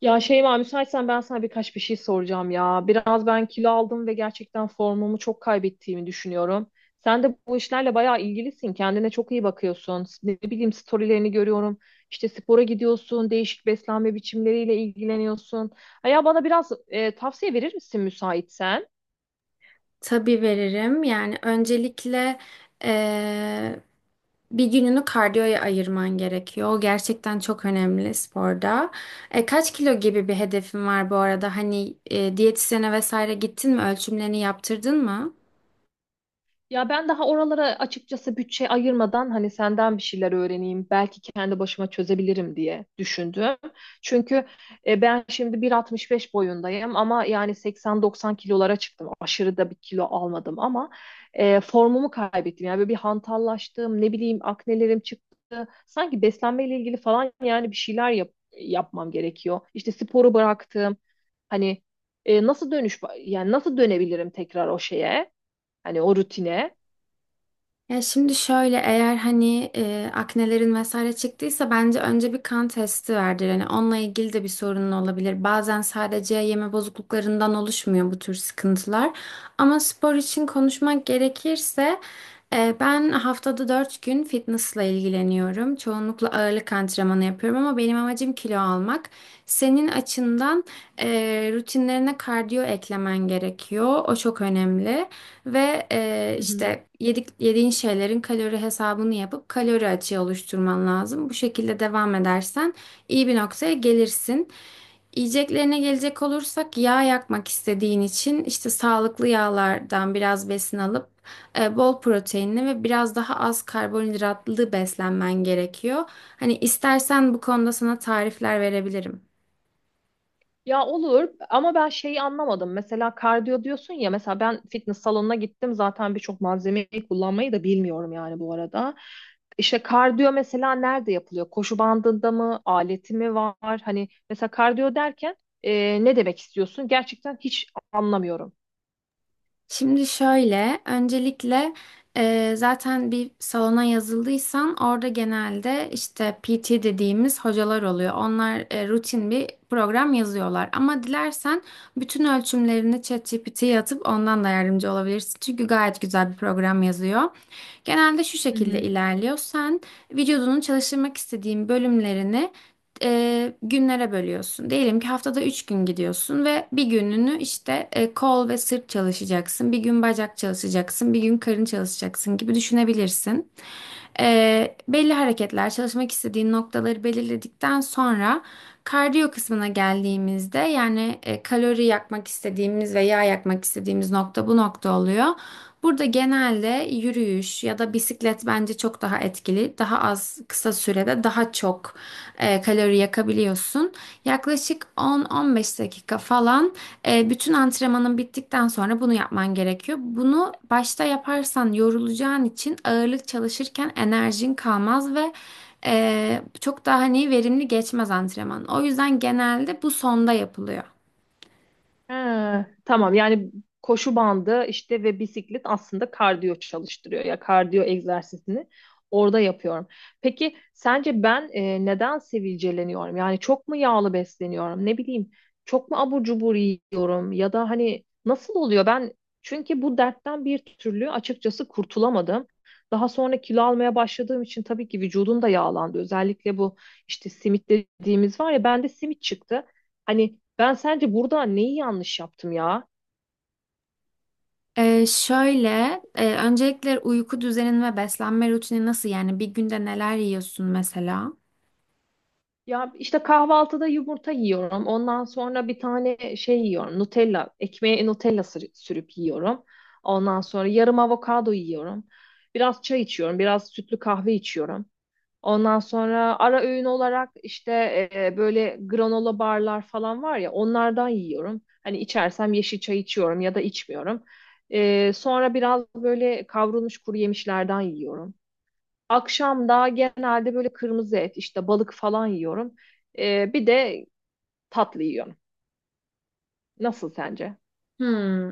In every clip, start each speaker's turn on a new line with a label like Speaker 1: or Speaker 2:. Speaker 1: Ya Şeyma müsaitsen ben sana birkaç bir şey soracağım ya. Biraz ben kilo aldım ve gerçekten formumu çok kaybettiğimi düşünüyorum. Sen de bu işlerle bayağı ilgilisin. Kendine çok iyi bakıyorsun. Ne bileyim storylerini görüyorum. İşte spora gidiyorsun, değişik beslenme biçimleriyle ilgileniyorsun. Ha ya bana biraz tavsiye verir misin müsaitsen?
Speaker 2: Tabii veririm. Yani öncelikle eee, bir gününü kardiyoya ayırman gerekiyor. O gerçekten çok önemli sporda. Kaç kilo gibi bir hedefin var bu arada? Hani diyetisyene vesaire gittin mi? Ölçümlerini yaptırdın mı?
Speaker 1: Ya ben daha oralara açıkçası bütçe ayırmadan hani senden bir şeyler öğreneyim, belki kendi başıma çözebilirim diye düşündüm. Çünkü ben şimdi 1.65 boyundayım ama yani 80-90 kilolara çıktım. Aşırı da bir kilo almadım ama formumu kaybettim. Yani böyle bir hantallaştım, ne bileyim aknelerim çıktı. Sanki beslenmeyle ilgili falan yani bir yapmam gerekiyor. İşte sporu bıraktım. Hani nasıl dönüş yani nasıl dönebilirim tekrar o şeye? Hani o rutine.
Speaker 2: Ya şimdi şöyle, eğer hani aknelerin vesaire çıktıysa bence önce bir kan testi verdir. Hani onunla ilgili de bir sorunun olabilir. Bazen sadece yeme bozukluklarından oluşmuyor bu tür sıkıntılar. Ama spor için konuşmak gerekirse ben haftada 4 gün fitnessla ilgileniyorum. Çoğunlukla ağırlık antrenmanı yapıyorum ama benim amacım kilo almak. Senin açından rutinlerine kardiyo eklemen gerekiyor. O çok önemli. Ve
Speaker 1: Hı hı.
Speaker 2: işte yediğin şeylerin kalori hesabını yapıp kalori açığı oluşturman lazım. Bu şekilde devam edersen iyi bir noktaya gelirsin. Yiyeceklerine gelecek olursak, yağ yakmak istediğin için işte sağlıklı yağlardan biraz besin alıp bol proteinli ve biraz daha az karbonhidratlı beslenmen gerekiyor. Hani istersen bu konuda sana tarifler verebilirim.
Speaker 1: Ya olur ama ben şeyi anlamadım. Mesela kardiyo diyorsun ya mesela ben fitness salonuna gittim zaten birçok malzemeyi kullanmayı da bilmiyorum yani bu arada. İşte kardiyo mesela nerede yapılıyor? Koşu bandında mı? Aleti mi var? Hani mesela kardiyo derken ne demek istiyorsun? Gerçekten hiç anlamıyorum.
Speaker 2: Şimdi şöyle, öncelikle zaten bir salona yazıldıysan orada genelde işte PT dediğimiz hocalar oluyor. Onlar rutin bir program yazıyorlar. Ama dilersen bütün ölçümlerini ChatGPT'ye atıp ondan da yardımcı olabilirsin. Çünkü gayet güzel bir program yazıyor. Genelde şu
Speaker 1: Hı
Speaker 2: şekilde
Speaker 1: hı.
Speaker 2: ilerliyor. Sen vücudunun çalıştırmak istediğin bölümlerini günlere bölüyorsun. Diyelim ki haftada 3 gün gidiyorsun ve bir gününü işte kol ve sırt çalışacaksın. Bir gün bacak çalışacaksın. Bir gün karın çalışacaksın gibi düşünebilirsin. Belli hareketler çalışmak istediğin noktaları belirledikten sonra kardiyo kısmına geldiğimizde yani kalori yakmak istediğimiz ve yağ yakmak istediğimiz nokta bu nokta oluyor. Burada genelde yürüyüş ya da bisiklet bence çok daha etkili. Daha az kısa sürede daha çok kalori yakabiliyorsun. Yaklaşık 10-15 dakika falan bütün antrenmanın bittikten sonra bunu yapman gerekiyor. Bunu başta yaparsan yorulacağın için ağırlık çalışırken enerjin kalmaz ve çok daha hani verimli geçmez antrenman. O yüzden genelde bu sonda yapılıyor.
Speaker 1: Ha, tamam yani koşu bandı işte ve bisiklet aslında kardiyo çalıştırıyor ya kardiyo egzersizini orada yapıyorum. Peki sence ben neden sivilceleniyorum? Yani çok mu yağlı besleniyorum? Ne bileyim çok mu abur cubur yiyorum ya da hani nasıl oluyor? Ben çünkü bu dertten bir türlü açıkçası kurtulamadım. Daha sonra kilo almaya başladığım için tabii ki vücudum da yağlandı. Özellikle bu işte simit dediğimiz var ya bende simit çıktı. Hani ben sence burada neyi yanlış yaptım ya?
Speaker 2: Şöyle, öncelikle uyku düzenin ve beslenme rutini nasıl? Yani bir günde neler yiyorsun mesela?
Speaker 1: Ya işte kahvaltıda yumurta yiyorum. Ondan sonra bir tane şey yiyorum. Nutella, ekmeğe sürüp yiyorum. Ondan sonra yarım avokado yiyorum. Biraz çay içiyorum, biraz sütlü kahve içiyorum. Ondan sonra ara öğün olarak işte böyle granola barlar falan var ya onlardan yiyorum. Hani içersem yeşil çay içiyorum ya da içmiyorum. Sonra biraz böyle kavrulmuş kuru yemişlerden yiyorum. Akşam da genelde böyle kırmızı et, işte balık falan yiyorum. Bir de tatlı yiyorum. Nasıl sence?
Speaker 2: Hmm.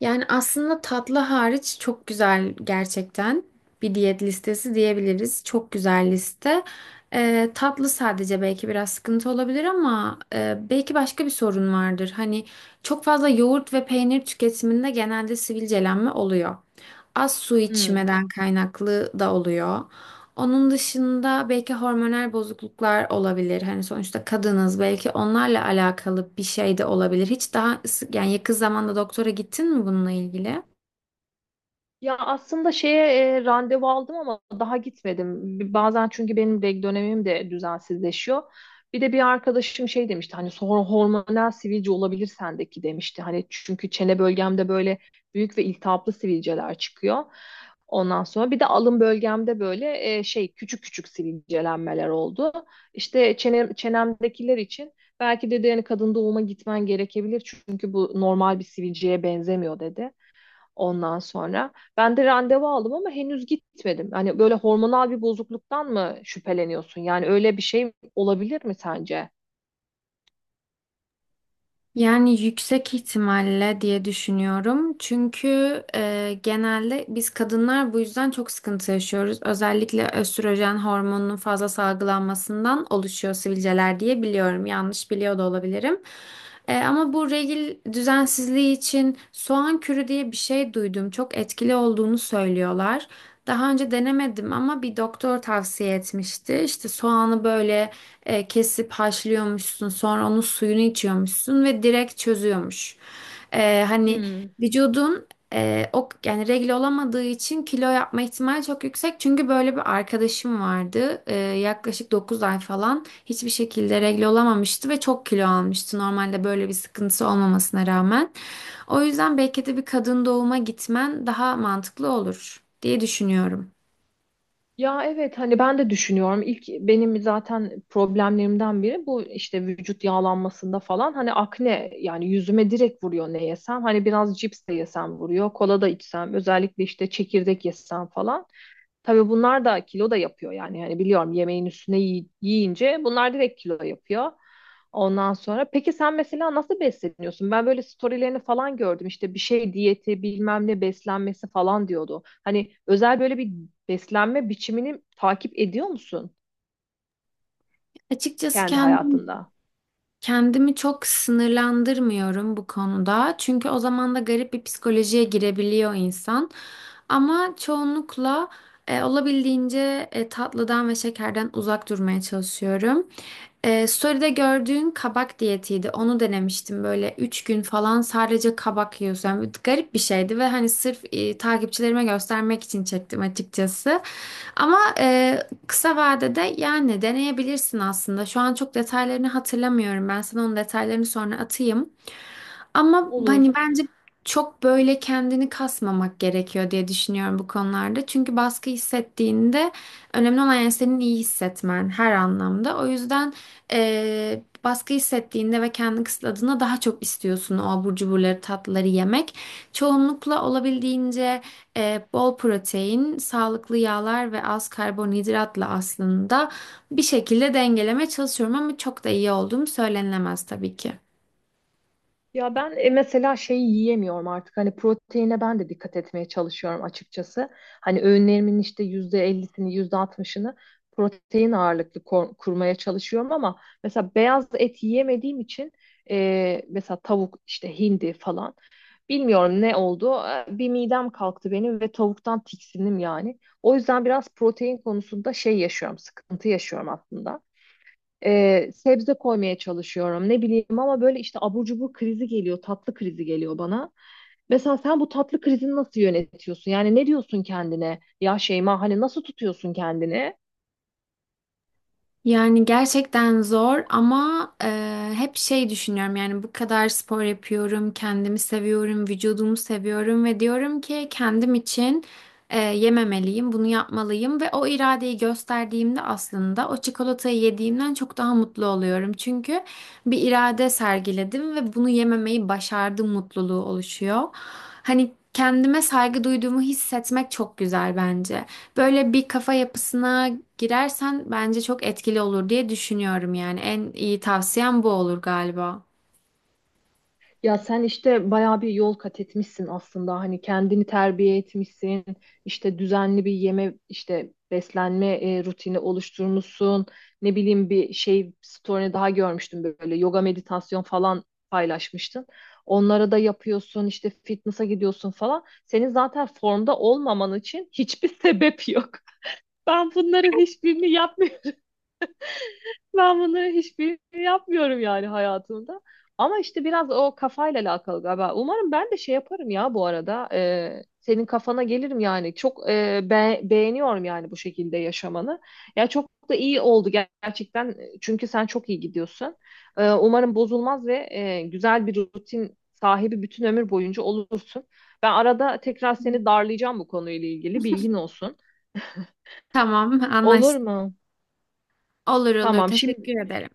Speaker 2: Yani aslında tatlı hariç çok güzel gerçekten bir diyet listesi diyebiliriz. Çok güzel liste. Tatlı sadece belki biraz sıkıntı olabilir ama belki başka bir sorun vardır. Hani çok fazla yoğurt ve peynir tüketiminde genelde sivilcelenme oluyor. Az su
Speaker 1: Hmm.
Speaker 2: içmeden kaynaklı da oluyor. Onun dışında belki hormonal bozukluklar olabilir. Hani sonuçta kadınız, belki onlarla alakalı bir şey de olabilir. Hiç daha, yani yakın zamanda doktora gittin mi bununla ilgili?
Speaker 1: Ya aslında şeye randevu aldım ama daha gitmedim. Bazen çünkü benim reg dönemim de düzensizleşiyor. Bir de bir arkadaşım şey demişti hani sonra hormonal sivilce olabilir sendeki demişti. Hani çünkü çene bölgemde böyle büyük ve iltihaplı sivilceler çıkıyor. Ondan sonra bir de alın bölgemde böyle küçük küçük sivilcelenmeler oldu. İşte çenemdekiler için belki dedi yani kadın doğuma gitmen gerekebilir çünkü bu normal bir sivilceye benzemiyor dedi. Ondan sonra ben de randevu aldım ama henüz gitmedim. Hani böyle hormonal bir bozukluktan mı şüpheleniyorsun? Yani öyle bir şey olabilir mi sence?
Speaker 2: Yani yüksek ihtimalle diye düşünüyorum. Çünkü genelde biz kadınlar bu yüzden çok sıkıntı yaşıyoruz. Özellikle östrojen hormonunun fazla salgılanmasından oluşuyor sivilceler diye biliyorum. Yanlış biliyor da olabilirim. Ama bu regil düzensizliği için soğan kürü diye bir şey duydum. Çok etkili olduğunu söylüyorlar. Daha önce denemedim ama bir doktor tavsiye etmişti. İşte soğanı böyle kesip haşlıyormuşsun, sonra onun suyunu içiyormuşsun ve direkt çözüyormuş. Hani
Speaker 1: Hmm.
Speaker 2: vücudun o yani regle olamadığı için kilo yapma ihtimali çok yüksek. Çünkü böyle bir arkadaşım vardı. Yaklaşık 9 ay falan hiçbir şekilde regle olamamıştı ve çok kilo almıştı. Normalde böyle bir sıkıntısı olmamasına rağmen. O yüzden belki de bir kadın doğuma gitmen daha mantıklı olur diye düşünüyorum.
Speaker 1: Ya evet hani ben de düşünüyorum. İlk benim zaten problemlerimden biri bu işte vücut yağlanmasında falan. Hani akne yani yüzüme direkt vuruyor ne yesem. Hani biraz cips de yesem vuruyor. Kola da içsem özellikle işte çekirdek yesem falan. Tabii bunlar da kilo da yapıyor yani. Yani biliyorum yemeğin üstüne yiyince bunlar direkt kilo yapıyor. Ondan sonra peki sen mesela nasıl besleniyorsun? Ben böyle storylerini falan gördüm. İşte bir şey diyeti, bilmem ne beslenmesi falan diyordu. Hani özel böyle bir beslenme biçimini takip ediyor musun
Speaker 2: Açıkçası
Speaker 1: kendi hayatında?
Speaker 2: kendimi çok sınırlandırmıyorum bu konuda. Çünkü o zaman da garip bir psikolojiye girebiliyor insan. Ama çoğunlukla olabildiğince tatlıdan ve şekerden uzak durmaya çalışıyorum. Story'de gördüğün kabak diyetiydi. Onu denemiştim, böyle 3 gün falan sadece kabak yiyorsun. Yani garip bir şeydi ve hani sırf takipçilerime göstermek için çektim açıkçası. Ama kısa vadede yani deneyebilirsin aslında. Şu an çok detaylarını hatırlamıyorum. Ben sana onun detaylarını sonra atayım. Ama
Speaker 1: Olur.
Speaker 2: hani bence çok böyle kendini kasmamak gerekiyor diye düşünüyorum bu konularda. Çünkü baskı hissettiğinde önemli olan yani senin iyi hissetmen her anlamda. O yüzden baskı hissettiğinde ve kendini kısıtladığında daha çok istiyorsun o abur cuburları, tatlıları yemek. Çoğunlukla olabildiğince bol protein, sağlıklı yağlar ve az karbonhidratla aslında bir şekilde dengelemeye çalışıyorum ama çok da iyi olduğum söylenilemez tabii ki.
Speaker 1: Ya ben mesela şeyi yiyemiyorum artık. Hani proteine ben de dikkat etmeye çalışıyorum açıkçası. Hani öğünlerimin işte yüzde ellisini, yüzde altmışını kurmaya çalışıyorum ama mesela beyaz et yiyemediğim için mesela tavuk işte hindi falan bilmiyorum ne oldu. Bir midem kalktı benim ve tavuktan tiksindim yani. O yüzden biraz protein konusunda sıkıntı yaşıyorum aslında, sebze koymaya çalışıyorum ne bileyim ama böyle işte abur cubur krizi geliyor tatlı krizi geliyor bana. Mesela sen bu tatlı krizini nasıl yönetiyorsun? Yani ne diyorsun kendine? Ya Şeyma hani nasıl tutuyorsun kendini?
Speaker 2: Yani gerçekten zor ama hep şey düşünüyorum, yani bu kadar spor yapıyorum, kendimi seviyorum, vücudumu seviyorum ve diyorum ki kendim için yememeliyim, bunu yapmalıyım ve o iradeyi gösterdiğimde aslında o çikolatayı yediğimden çok daha mutlu oluyorum. Çünkü bir irade sergiledim ve bunu yememeyi başardım mutluluğu oluşuyor. Hani kendime saygı duyduğumu hissetmek çok güzel bence. Böyle bir kafa yapısına girersen bence çok etkili olur diye düşünüyorum yani. En iyi tavsiyem bu olur galiba.
Speaker 1: Ya sen işte bayağı bir yol kat etmişsin aslında. Hani kendini terbiye etmişsin. İşte düzenli bir yeme, işte beslenme rutini oluşturmuşsun. Ne bileyim bir şey story'ni daha görmüştüm böyle yoga meditasyon falan paylaşmıştın. Onlara da yapıyorsun, işte fitness'a gidiyorsun falan. Senin zaten formda olmaman için hiçbir sebep yok. Ben bunların hiçbirini yapmıyorum. Ben bunları hiçbirini yapmıyorum yani hayatımda. Ama işte biraz o kafayla alakalı galiba. Umarım ben de şey yaparım ya bu arada. Senin kafana gelirim yani. Çok beğeniyorum yani bu şekilde yaşamanı. Ya çok da iyi oldu gerçekten. Çünkü sen çok iyi gidiyorsun. Umarım bozulmaz ve güzel bir rutin sahibi bütün ömür boyunca olursun. Ben arada tekrar seni darlayacağım bu konuyla ilgili. Bilgin olsun.
Speaker 2: Tamam,
Speaker 1: Olur
Speaker 2: anlaştık.
Speaker 1: mu?
Speaker 2: Olur olur.
Speaker 1: Tamam.
Speaker 2: Teşekkür ederim.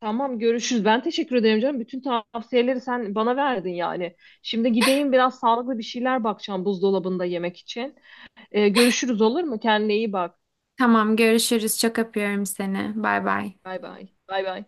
Speaker 1: Tamam, görüşürüz. Ben teşekkür ederim canım. Bütün tavsiyeleri sen bana verdin yani. Şimdi gideyim biraz sağlıklı bir şeyler bakacağım buzdolabında yemek için. Görüşürüz olur mu? Kendine iyi bak.
Speaker 2: Tamam, görüşürüz. Çok öpüyorum seni. Bay bay.
Speaker 1: Bay bay. Bay bay.